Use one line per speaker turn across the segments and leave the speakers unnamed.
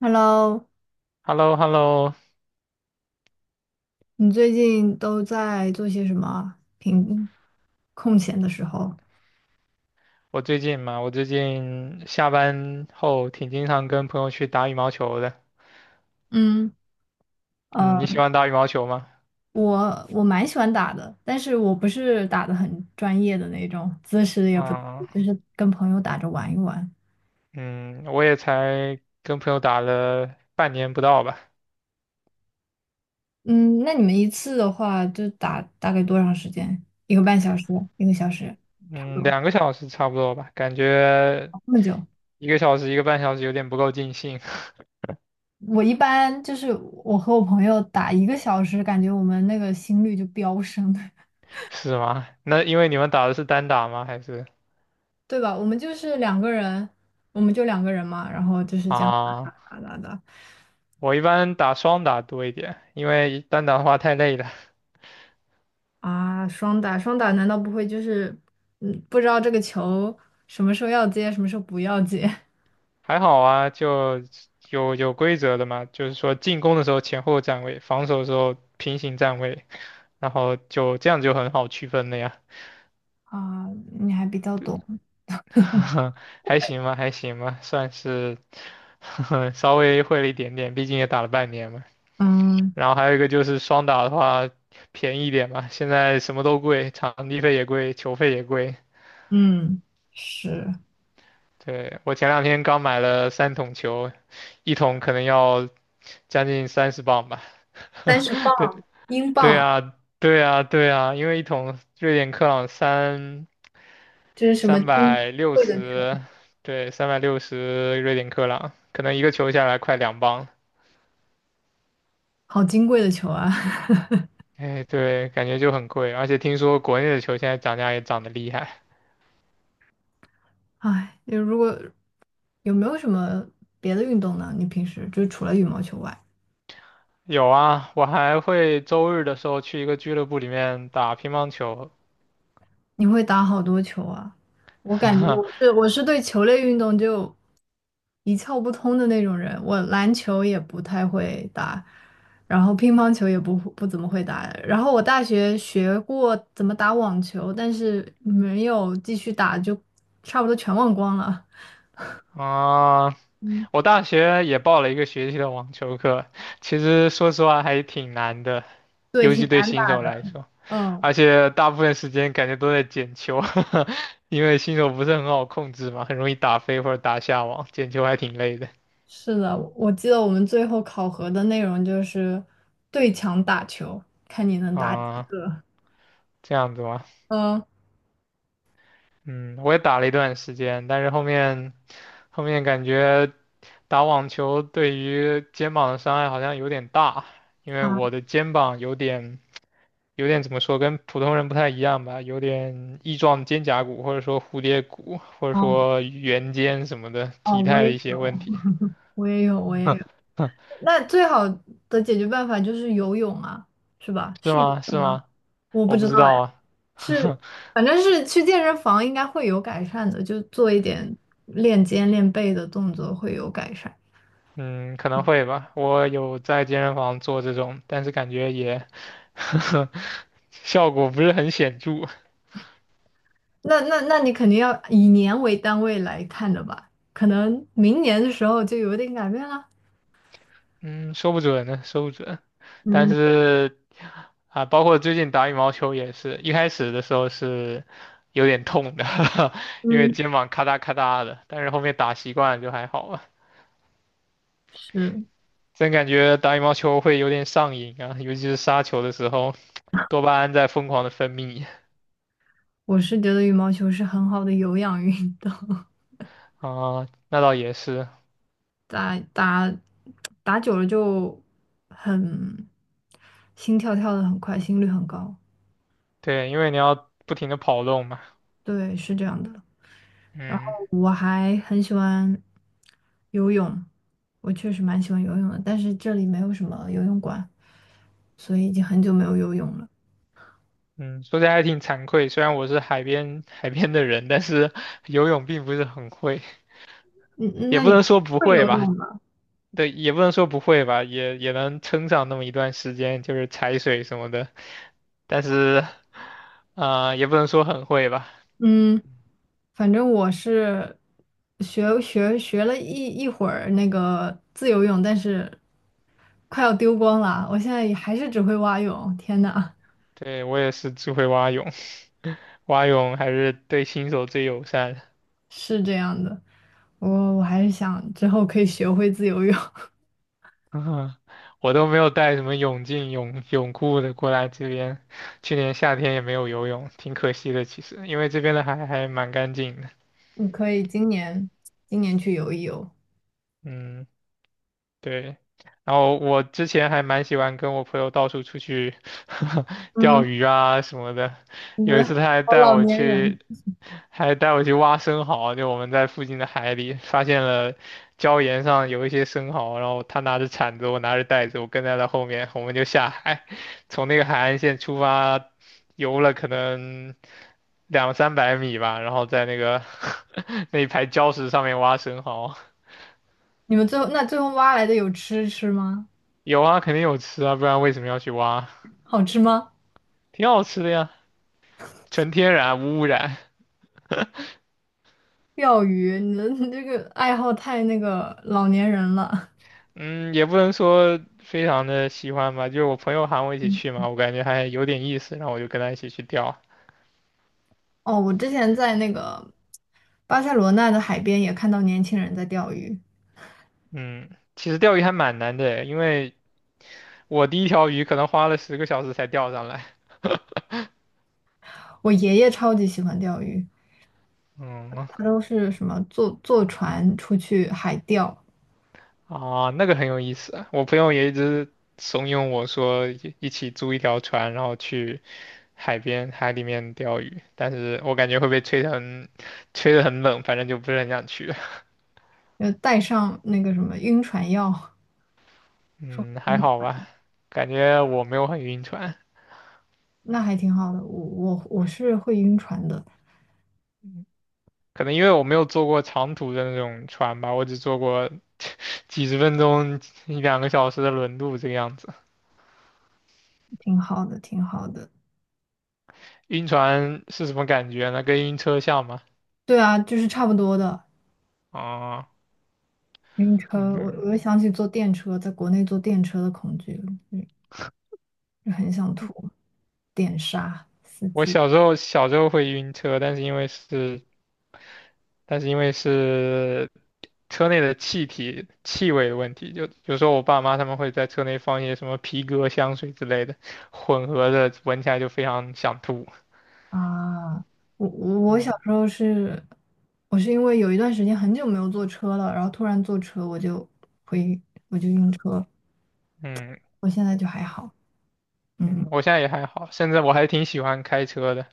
Hello，
h e l l o h e l l o
你最近都在做些什么啊平空闲的时候？
我最近下班后挺经常跟朋友去打羽毛球的。
嗯。呃，
嗯，你喜欢打羽毛球吗？
我蛮喜欢打的，但是我不是打的很专业的那种，姿势也不，
啊，
就是跟朋友打着玩一玩。
嗯，我也才跟朋友打了半年不到吧。
嗯，那你们一次的话，就打大概多长时间？一个半小时，一个小时，差不
嗯，
多，
两个小时差不多吧，感觉
哦这么久。
1个小时1个半小时有点不够尽兴。
我一般就是我和我朋友打一个小时，感觉我们那个心率就飙升。
是吗？那因为你们打的是单打吗？还是
对吧？我们就是两个人，我们就两个人嘛，然后就是这样打
啊？
打打打打
我一般打双打多一点，因为单打的话太累了。
啊，双打双打，难道不会就是不知道这个球什么时候要接，什么时候不要接。
还好啊，就有规则的嘛，就是说进攻的时候前后站位，防守的时候平行站位，然后就这样就很好区分了呀。
啊？你还比较懂，
还行吧，还行吧，算是 稍微会了一点点，毕竟也打了半年嘛。
嗯
然后还有一个就是双打的话便宜一点嘛，现在什么都贵，场地费也贵，球费也贵。
嗯，是
对，我前两天刚买了3桶球，一桶可能要将近30磅吧。
三 十磅英
对
镑，
啊，对啊，对啊，因为一桶瑞典克朗三
这是什么
三
金
百六
贵的球？
十，对，三百六十瑞典克朗，可能一个球下来快2磅。
好金贵的球啊！
哎，对，感觉就很贵，而且听说国内的球现在涨价也涨得厉害。
哎，就如果有没有什么别的运动呢？你平时就除了羽毛球外？
有啊，我还会周日的时候去一个俱乐部里面打乒乓球。
你会打好多球啊？我感觉我是 我是对球类运动就一窍不通的那种人，我篮球也不太会打，然后乒乓球也不怎么会打，然后我大学学过怎么打网球，但是没有继续打，就差不多全忘光了。
啊，
嗯，
我大学也报了1个学期的网球课，其实说实话还挺难的，
对，
尤其
挺
对
难
新
打。
手来说。
嗯，
而且大部分时间感觉都在捡球，因为新手不是很好控制嘛，很容易打飞或者打下网，捡球还挺累的。
是的，我记得我们最后考核的内容就是对墙打球，看你能打几
啊，
个。
这样子吗？
嗯，
嗯，我也打了一段时间，但是后面感觉打网球对于肩膀的伤害好像有点大，因为我
好。
的肩膀有点怎么说，跟普通人不太一样吧，有点翼状肩胛骨或者说蝴蝶骨或者
嗯
说圆肩什么的
哦，
体
我
态
也
的一些
有，
问题。
我也有，我也有。那最好的解决办法就是游泳啊，是吧？
是
是游
吗？是
泳吗？
吗？
我不
我不
知
知
道
道
哎。
啊。
是，反正是去健身房应该会有改善的，就做一点练肩练背的动作会有改善。
嗯，可能会吧。我有在健身房做这种，但是感觉也 效果不是很显著。
那你肯定要以年为单位来看的吧？可能明年的时候就有点改变了。
嗯，说不准呢，说不准。但
嗯
是啊，包括最近打羽毛球也是，一开始的时候是有点痛的。因为
嗯，
肩膀咔嗒咔嗒的，但是后面打习惯了就还好了。
是，
真感觉打羽毛球会有点上瘾啊，尤其是杀球的时候，多巴胺在疯狂的分泌。
我是觉得羽毛球是很好的有氧运动。
啊，那倒也是。
打打打久了就很心跳跳的很快，心率很高。
对，因为你要不停的跑动嘛。
对，是这样的。
嗯。
哎，很喜欢游泳，我确实蛮喜欢游泳的，但是这里没有什么游泳馆，所以已经很久没有游泳了。
嗯，说起来还挺惭愧，虽然我是海边的人，但是 游泳并不是很会，
嗯，
也
那
不
你
能说不
会
会
游
吧。
泳吗？
对，也不能说不会吧，也也能撑上那么一段时间，就是踩水什么的。但是，啊、也不能说很会吧。
嗯，反正我是学了一会儿那个自由泳，但是快要丢光了。我现在也还是只会蛙泳，天呐！
对，我也是只会蛙泳。蛙泳还是对新手最友善。
是这样的，我我还是想之后可以学会自由泳。
嗯，我都没有带什么泳镜、泳裤的过来这边，去年夏天也没有游泳，挺可惜的。其实，因为这边的海还蛮干净的。
你可以今年今年去游一游。
嗯。对，然后我之前还蛮喜欢跟我朋友到处出去 钓
嗯，
鱼啊什么的。
你
有一
们
次他还
好
带
老
我
年
去，
人。
还带我去挖生蚝，就我们在附近的海里发现了礁岩上有一些生蚝，然后他拿着铲子，我拿着袋子，我跟在他后面，我们就下海，从那个海岸线出发，游了可能两三百米吧，然后在那个 那一排礁石上面挖生蚝。
你们最后挖来的有吃吃吗？
有啊，肯定有吃啊，不然为什么要去挖？
好吃吗？
挺好吃的呀，纯天然无污染。
钓鱼，你这个爱好太那个老年人了。
嗯，也不能说非常的喜欢吧，就是我朋友喊我一起去嘛，我感觉还有点意思，然后我就跟他一起去钓。
哦，我之前在那个巴塞罗那的海边也看到年轻人在钓鱼。
嗯，其实钓鱼还蛮难的，因为我第一条鱼可能花了10个小时才钓上来。
我爷爷超级喜欢钓鱼，
嗯，
他都是什么坐坐船出去海钓，
啊，那个很有意思啊，我朋友也一直怂恿我说一起租一条船，然后去海边海里面钓鱼，但是我感觉会被吹得很冷，反正就不是很想去。
要带上那个什么晕船药，
嗯，还好吧，感觉我没有很晕船。
那还挺好的。我是会晕船的，
嗯，可能因为我没有坐过长途的那种船吧，我只坐过 几十分钟、一两个小时的轮渡这个样子。
挺好的，挺好的。
晕船是什么感觉呢？跟晕车像吗？
对啊，就是差不多的。
啊，
晕车，我
嗯，
我又想起坐电车，在国内坐电车的恐惧了。嗯。就很想吐，电杀
我小时候会晕车，但是因为是车内的气体气味的问题，就有时候我爸妈他们会在车内放一些什么皮革香水之类的，混合着闻起来就非常想吐。
啊！我小
嗯。
时候是，我是因为有一段时间很久没有坐车了，然后突然坐车我就会晕车，
嗯
我现在就还好，嗯
嗯，我现在也还好，甚至我还挺喜欢开车的，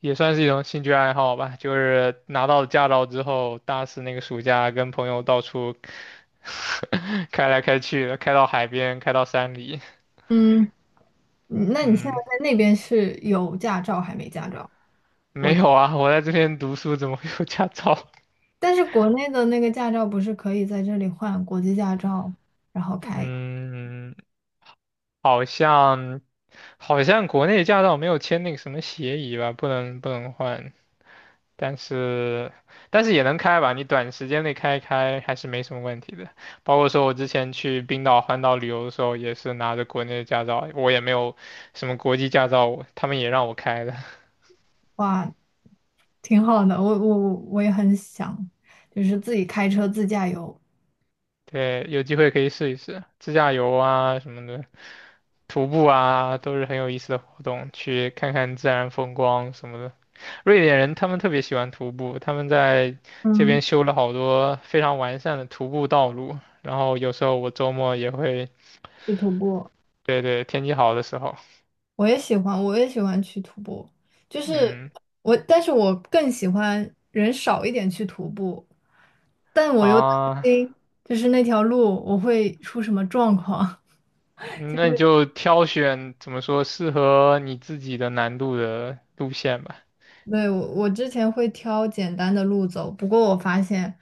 也算是一种兴趣爱好吧。就是拿到了驾照之后，大四那个暑假跟朋友到处 开来开去的，开到海边，开到山里。
嗯。嗯，那你现在
嗯，
在那边是有驾照还没驾照？我，
没有啊，我在这边读书怎么会有驾照？
但是国内的那个驾照不是可以在这里换国际驾照，然后 开，
嗯，好像好像国内驾照没有签那个什么协议吧，不能换。但是但是也能开吧，你短时间内开一开还是没什么问题的。包括说我之前去冰岛环岛旅游的时候，也是拿着国内的驾照，我也没有什么国际驾照，我他们也让我开的。
哇，挺好的。我也很想，就是自己开车自驾游，
对，有机会可以试一试自驾游啊什么的，徒步啊都是很有意思的活动，去看看自然风光什么的。瑞典人他们特别喜欢徒步，他们在这
嗯，
边修了好多非常完善的徒步道路，然后有时候我周末也会
去徒步。
对对，天气好的时候。
我也喜欢，我也喜欢去徒步。就是
嗯。
我，但是我更喜欢人少一点去徒步，但我又担
啊，
心，就是那条路我会出什么状况。就
嗯那你
是。
就挑选怎么说适合你自己的难度的路线吧。
对，我之前会挑简单的路走，不过我发现，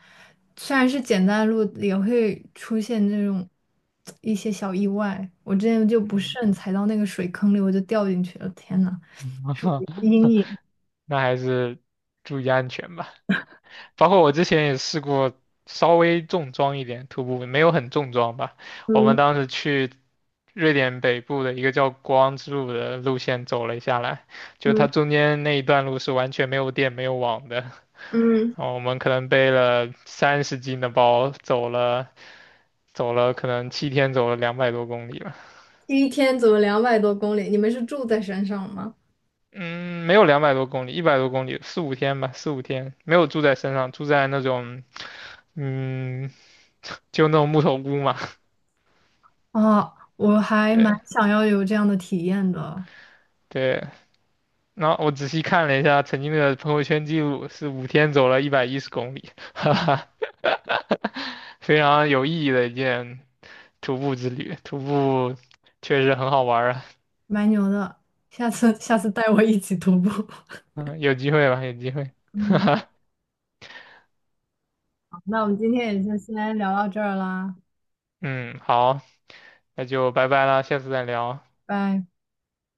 虽然是简单的路，也会出现这种一些小意外。我之前就不
嗯，
慎踩到那个水坑里，我就掉进去了，天呐，阴影。
那还是注意安全吧。包括我之前也试过稍微重装一点徒步，没有很重装吧。我们
嗯
当时去瑞典北部的一个叫国王之路的路线走了下来，就它中间那一段路是完全没有电、没有网的。
嗯，
然后我们可能背了30斤的包，走了可能7天，走了两百多公里吧。
第一天走了200多公里，你们是住在山上吗？
嗯，没有两百多公里，100多公里，四五天吧，四五天，没有住在山上，住在那种嗯，就那种木头屋嘛。
啊！我还蛮
对
想要有这样的体验的，
对，然后我仔细看了一下曾经的朋友圈记录，是五天走了110公里，哈哈，非常有意义的一件徒步之旅。徒步确实很好玩啊，
蛮牛的。下次下次带我一起徒步。
嗯，有机会吧，有机会，哈
嗯，
哈，
好，那我们今天也就先聊到这儿啦，
嗯，好，那就拜拜了，下次再聊。
拜。